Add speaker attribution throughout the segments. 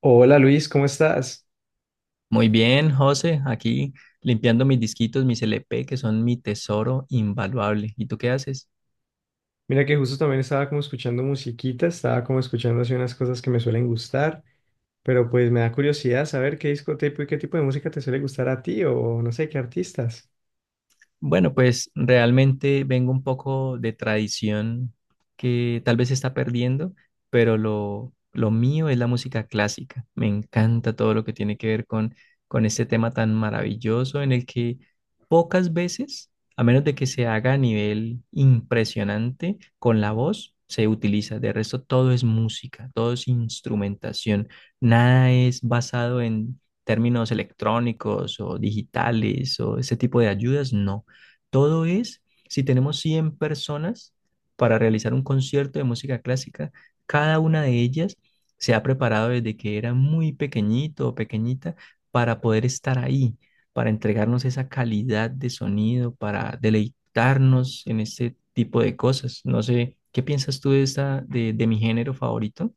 Speaker 1: Hola Luis, ¿cómo estás?
Speaker 2: Muy bien, José, aquí limpiando mis disquitos, mis LP, que son mi tesoro invaluable. ¿Y tú qué haces?
Speaker 1: Mira que justo también estaba como escuchando musiquita, estaba como escuchando así unas cosas que me suelen gustar, pero pues me da curiosidad saber qué discoteca y qué tipo de música te suele gustar a ti o no sé, qué artistas.
Speaker 2: Bueno, pues realmente vengo un poco de tradición que tal vez se está perdiendo, pero lo mío es la música clásica. Me encanta todo lo que tiene que ver con este tema tan maravilloso en el que pocas veces, a menos de que se haga a nivel impresionante con la voz, se utiliza. De resto, todo es música, todo es instrumentación. Nada es basado en términos electrónicos o digitales o ese tipo de ayudas, no todo es, si tenemos 100 personas para realizar un concierto de música clásica, cada una de ellas se ha preparado desde que era muy pequeñito o pequeñita para poder estar ahí, para entregarnos esa calidad de sonido, para deleitarnos en este tipo de cosas. No sé, ¿qué piensas tú de esta, de mi género favorito?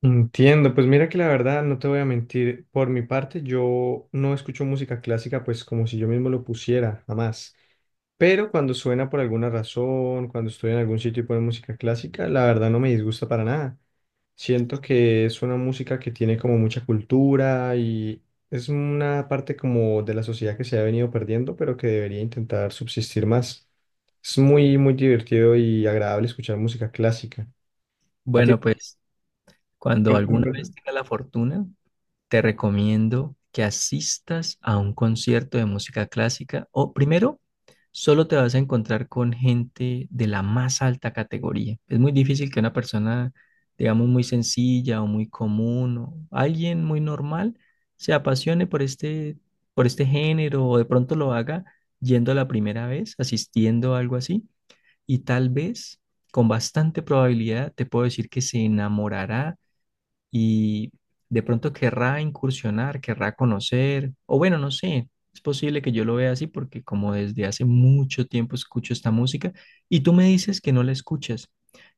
Speaker 1: Entiendo, pues mira que la verdad no te voy a mentir, por mi parte yo no escucho música clásica pues como si yo mismo lo pusiera, jamás. Pero cuando suena por alguna razón, cuando estoy en algún sitio y ponen música clásica, la verdad no me disgusta para nada. Siento que es una música que tiene como mucha cultura y es una parte como de la sociedad que se ha venido perdiendo, pero que debería intentar subsistir más. Es muy, muy divertido y agradable escuchar música clásica. ¿A ti?
Speaker 2: Bueno, pues cuando alguna vez tenga la fortuna te recomiendo que asistas a un concierto de música clásica o primero, solo te vas a encontrar con gente de la más alta categoría. Es muy difícil que una persona, digamos, muy sencilla o muy común o alguien muy normal se apasione por este género o de pronto lo haga yendo a la primera vez, asistiendo a algo así y tal vez... Con bastante probabilidad te puedo decir que se enamorará y de pronto querrá incursionar, querrá conocer, o bueno, no sé, es posible que yo lo vea así porque como desde hace mucho tiempo escucho esta música y tú me dices que no la escuchas,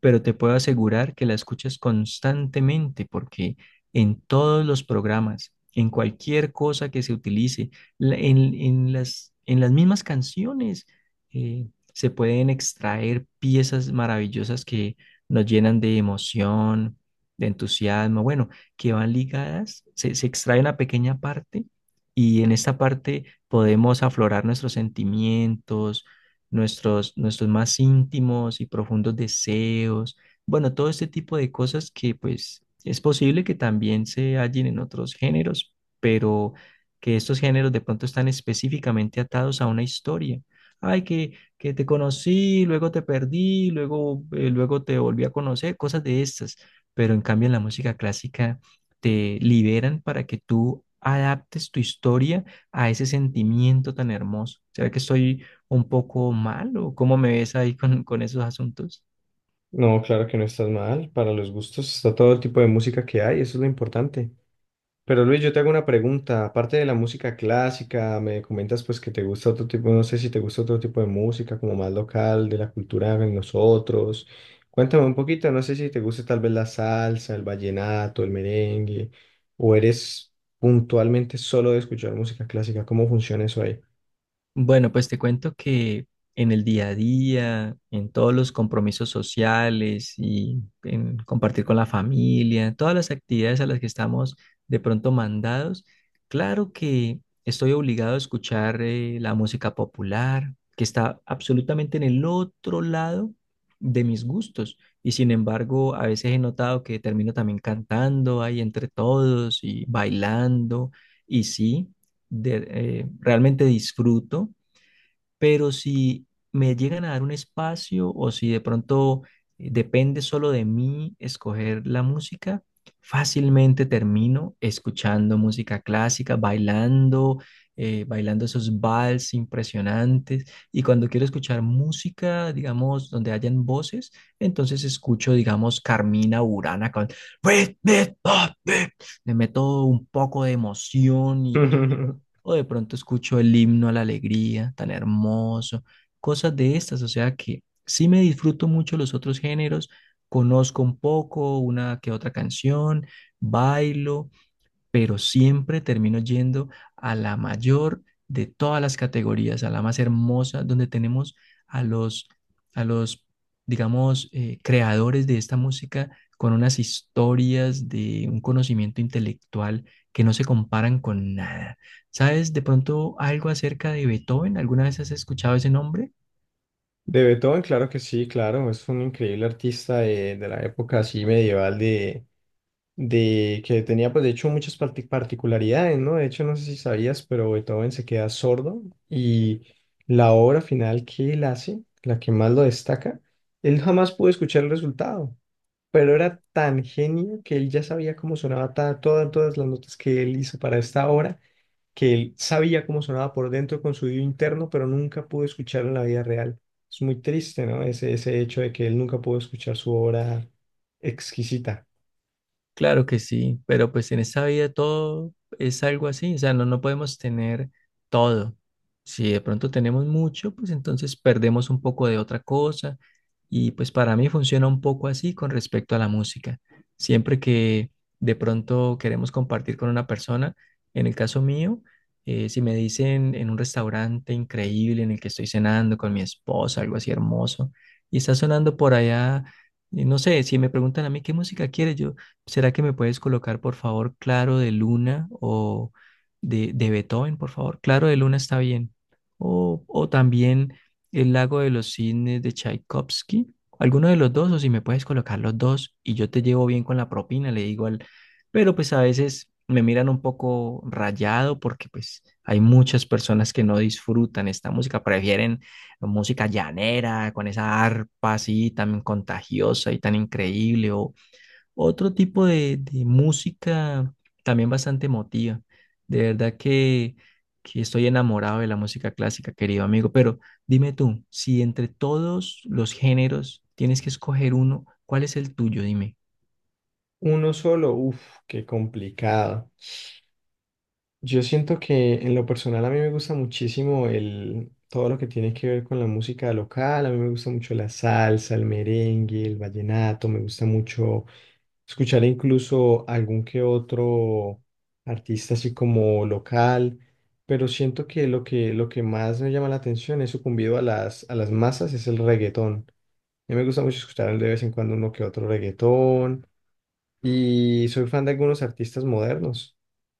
Speaker 2: pero te puedo asegurar que la escuchas constantemente porque en todos los programas, en cualquier cosa que se utilice, en las mismas canciones, eh, se pueden extraer piezas maravillosas que nos llenan de emoción de entusiasmo, bueno, que van ligadas, se extrae una pequeña parte y en esta parte podemos aflorar nuestros sentimientos, nuestros más íntimos y profundos deseos, bueno, todo este tipo de cosas que pues es posible que también se hallen en otros géneros, pero que estos géneros de pronto están específicamente atados a una historia. Ay, que te conocí, luego te perdí, luego, luego te volví a conocer, cosas de estas, pero en cambio en la música clásica te liberan para que tú adaptes tu historia a ese sentimiento tan hermoso. ¿Será que estoy un poco mal o cómo me ves ahí con esos asuntos?
Speaker 1: No, claro que no estás mal. Para los gustos está todo el tipo de música que hay, eso es lo importante. Pero Luis, yo te hago una pregunta. Aparte de la música clásica, me comentas pues que te gusta otro tipo, no sé si te gusta otro tipo de música, como más local, de la cultura de nosotros. Cuéntame un poquito, no sé si te gusta tal vez la salsa, el vallenato, el merengue, o eres puntualmente solo de escuchar música clásica. ¿Cómo funciona eso ahí?
Speaker 2: Bueno, pues te cuento que en el día a día, en todos los compromisos sociales y en compartir con la familia, todas las actividades a las que estamos de pronto mandados, claro que estoy obligado a escuchar la música popular, que está absolutamente en el otro lado de mis gustos. Y sin embargo, a veces he notado que termino también cantando ahí entre todos y bailando. Y sí, de- realmente disfruto. Pero si me llegan a dar un espacio o si de pronto depende solo de mí escoger la música, fácilmente termino escuchando música clásica, bailando, bailando esos vals impresionantes. Y cuando quiero escuchar música, digamos, donde hayan voces, entonces escucho, digamos, Carmina Burana con... Le meto un poco de emoción y o de pronto escucho el himno a la alegría, tan hermoso, cosas de estas, o sea que sí me disfruto mucho los otros géneros, conozco un poco, una que otra canción, bailo, pero siempre termino yendo a la mayor de todas las categorías, a la más hermosa, donde tenemos a los digamos, creadores de esta música con unas historias de un conocimiento intelectual que no se comparan con nada. ¿Sabes de pronto algo acerca de Beethoven? ¿Alguna vez has escuchado ese nombre?
Speaker 1: De Beethoven, claro que sí, claro, es un increíble artista de la época así medieval de que tenía pues de hecho muchas particularidades, ¿no? De hecho no sé si sabías, pero Beethoven se queda sordo y la obra final que él hace, la que más lo destaca, él jamás pudo escuchar el resultado, pero era tan genio que él ya sabía cómo sonaba todas las notas que él hizo para esta obra, que él sabía cómo sonaba por dentro con su oído interno, pero nunca pudo escucharlo en la vida real. Es muy triste, ¿no? Ese hecho de que él nunca pudo escuchar su obra exquisita.
Speaker 2: Claro que sí, pero pues en esta vida todo es algo así, o sea, no, no podemos tener todo. Si de pronto tenemos mucho, pues entonces perdemos un poco de otra cosa y pues para mí funciona un poco así con respecto a la música. Siempre que de pronto queremos compartir con una persona, en el caso mío, si me dicen en un restaurante increíble en el que estoy cenando con mi esposa, algo así hermoso, y está sonando por allá, y no sé, si me preguntan a mí qué música quieres, yo... ¿Será que me puedes colocar, por favor, Claro de Luna o de Beethoven, por favor? Claro de Luna está bien. O también El lago de los cisnes de Tchaikovsky. Alguno de los dos, o si me puedes colocar los dos y yo te llevo bien con la propina, le digo al... Pero pues a veces me miran un poco rayado porque pues hay muchas personas que no disfrutan esta música, prefieren música llanera, con esa arpa así tan contagiosa y tan increíble, o, otro tipo de música también bastante emotiva. De verdad que estoy enamorado de la música clásica, querido amigo. Pero dime tú, si entre todos los géneros tienes que escoger uno, ¿cuál es el tuyo? Dime.
Speaker 1: Uno solo, uff, qué complicado. Yo siento que en lo personal a mí me gusta muchísimo todo lo que tiene que ver con la música local. A mí me gusta mucho la salsa, el merengue, el vallenato. Me gusta mucho escuchar incluso algún que otro artista así como local. Pero siento que lo que más me llama la atención es sucumbido a las masas es el reggaetón. A mí me gusta mucho escuchar de vez en cuando uno que otro reggaetón. Y soy fan de algunos artistas modernos.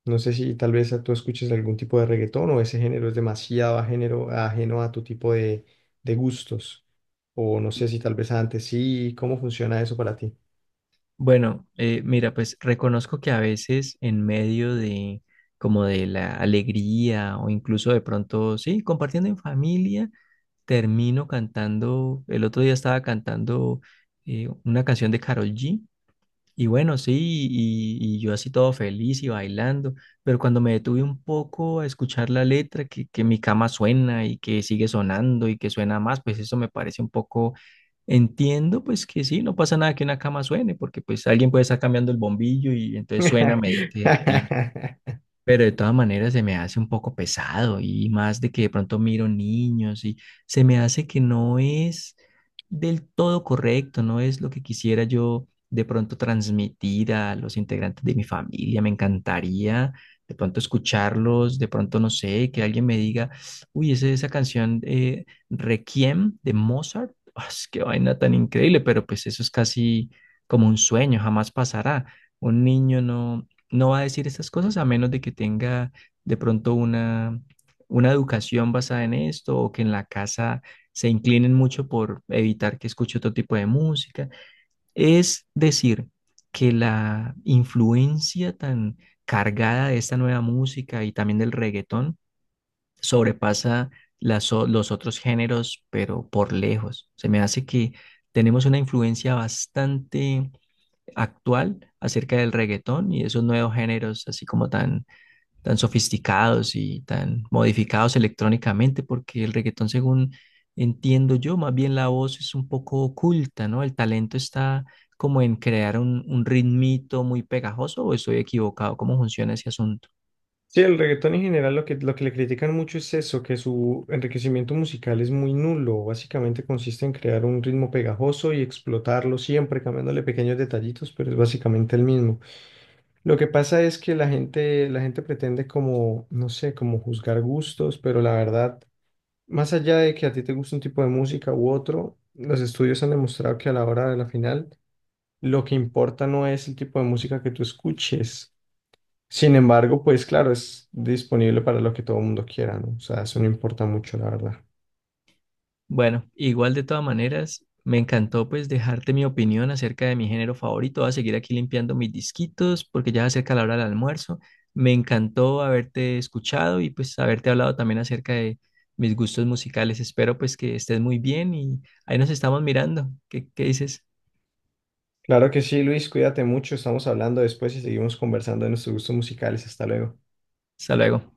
Speaker 1: No sé si tal vez tú escuches algún tipo de reggaetón o ese género es demasiado ajeno, ajeno a tu tipo de gustos. O no sé si tal vez antes sí. ¿Cómo funciona eso para ti?
Speaker 2: Bueno, mira, pues reconozco que a veces en medio de como de la alegría o incluso de pronto, sí, compartiendo en familia, termino cantando, el otro día estaba cantando una canción de Karol G. Y bueno, sí, y yo así todo feliz y bailando, pero cuando me detuve un poco a escuchar la letra, que mi cama suena y que sigue sonando y que suena más, pues eso me parece un poco, entiendo pues que sí, no pasa nada que una cama suene, porque pues alguien puede estar cambiando el bombillo y entonces suena a medida que, pero de todas maneras se me hace un poco pesado y más de que de pronto miro niños y se me hace que no es del todo correcto, no es lo que quisiera yo de pronto transmitir a los integrantes de mi familia. Me encantaría de pronto escucharlos, de pronto no sé, que alguien me diga, uy, esa canción Requiem de Mozart, ah, es qué vaina tan increíble, pero pues eso es casi como un sueño, jamás pasará. Un niño no, no va a decir estas cosas a menos de que tenga de pronto una educación basada en esto o que en la casa se inclinen mucho por evitar que escuche otro tipo de música. Es decir, que la influencia tan cargada de esta nueva música y también del reggaetón sobrepasa los otros géneros, pero por lejos. Se me hace que tenemos una influencia bastante actual acerca del reggaetón y esos nuevos géneros así como tan, tan sofisticados y tan modificados electrónicamente, porque el reggaetón, según entiendo yo, más bien la voz es un poco oculta, ¿no? El talento está como en crear un ritmito muy pegajoso o estoy equivocado, ¿cómo funciona ese asunto?
Speaker 1: Sí, el reggaetón en general lo que le critican mucho es eso, que su enriquecimiento musical es muy nulo. Básicamente consiste en crear un ritmo pegajoso y explotarlo siempre, cambiándole pequeños detallitos, pero es básicamente el mismo. Lo que pasa es que la gente pretende como, no sé, como juzgar gustos, pero la verdad, más allá de que a ti te guste un tipo de música u otro, los estudios han demostrado que a la hora de la final, lo que importa no es el tipo de música que tú escuches. Sin embargo, pues claro, es disponible para lo que todo el mundo quiera, ¿no? O sea, eso no importa mucho, la verdad.
Speaker 2: Bueno, igual de todas maneras, me encantó pues dejarte mi opinión acerca de mi género favorito. Voy a seguir aquí limpiando mis disquitos porque ya se acerca la hora del almuerzo. Me encantó haberte escuchado y pues haberte hablado también acerca de mis gustos musicales. Espero pues que estés muy bien y ahí nos estamos mirando. ¿Qué, qué dices?
Speaker 1: Claro que sí, Luis, cuídate mucho, estamos hablando después y seguimos conversando de nuestros gustos musicales. Hasta luego.
Speaker 2: Hasta luego.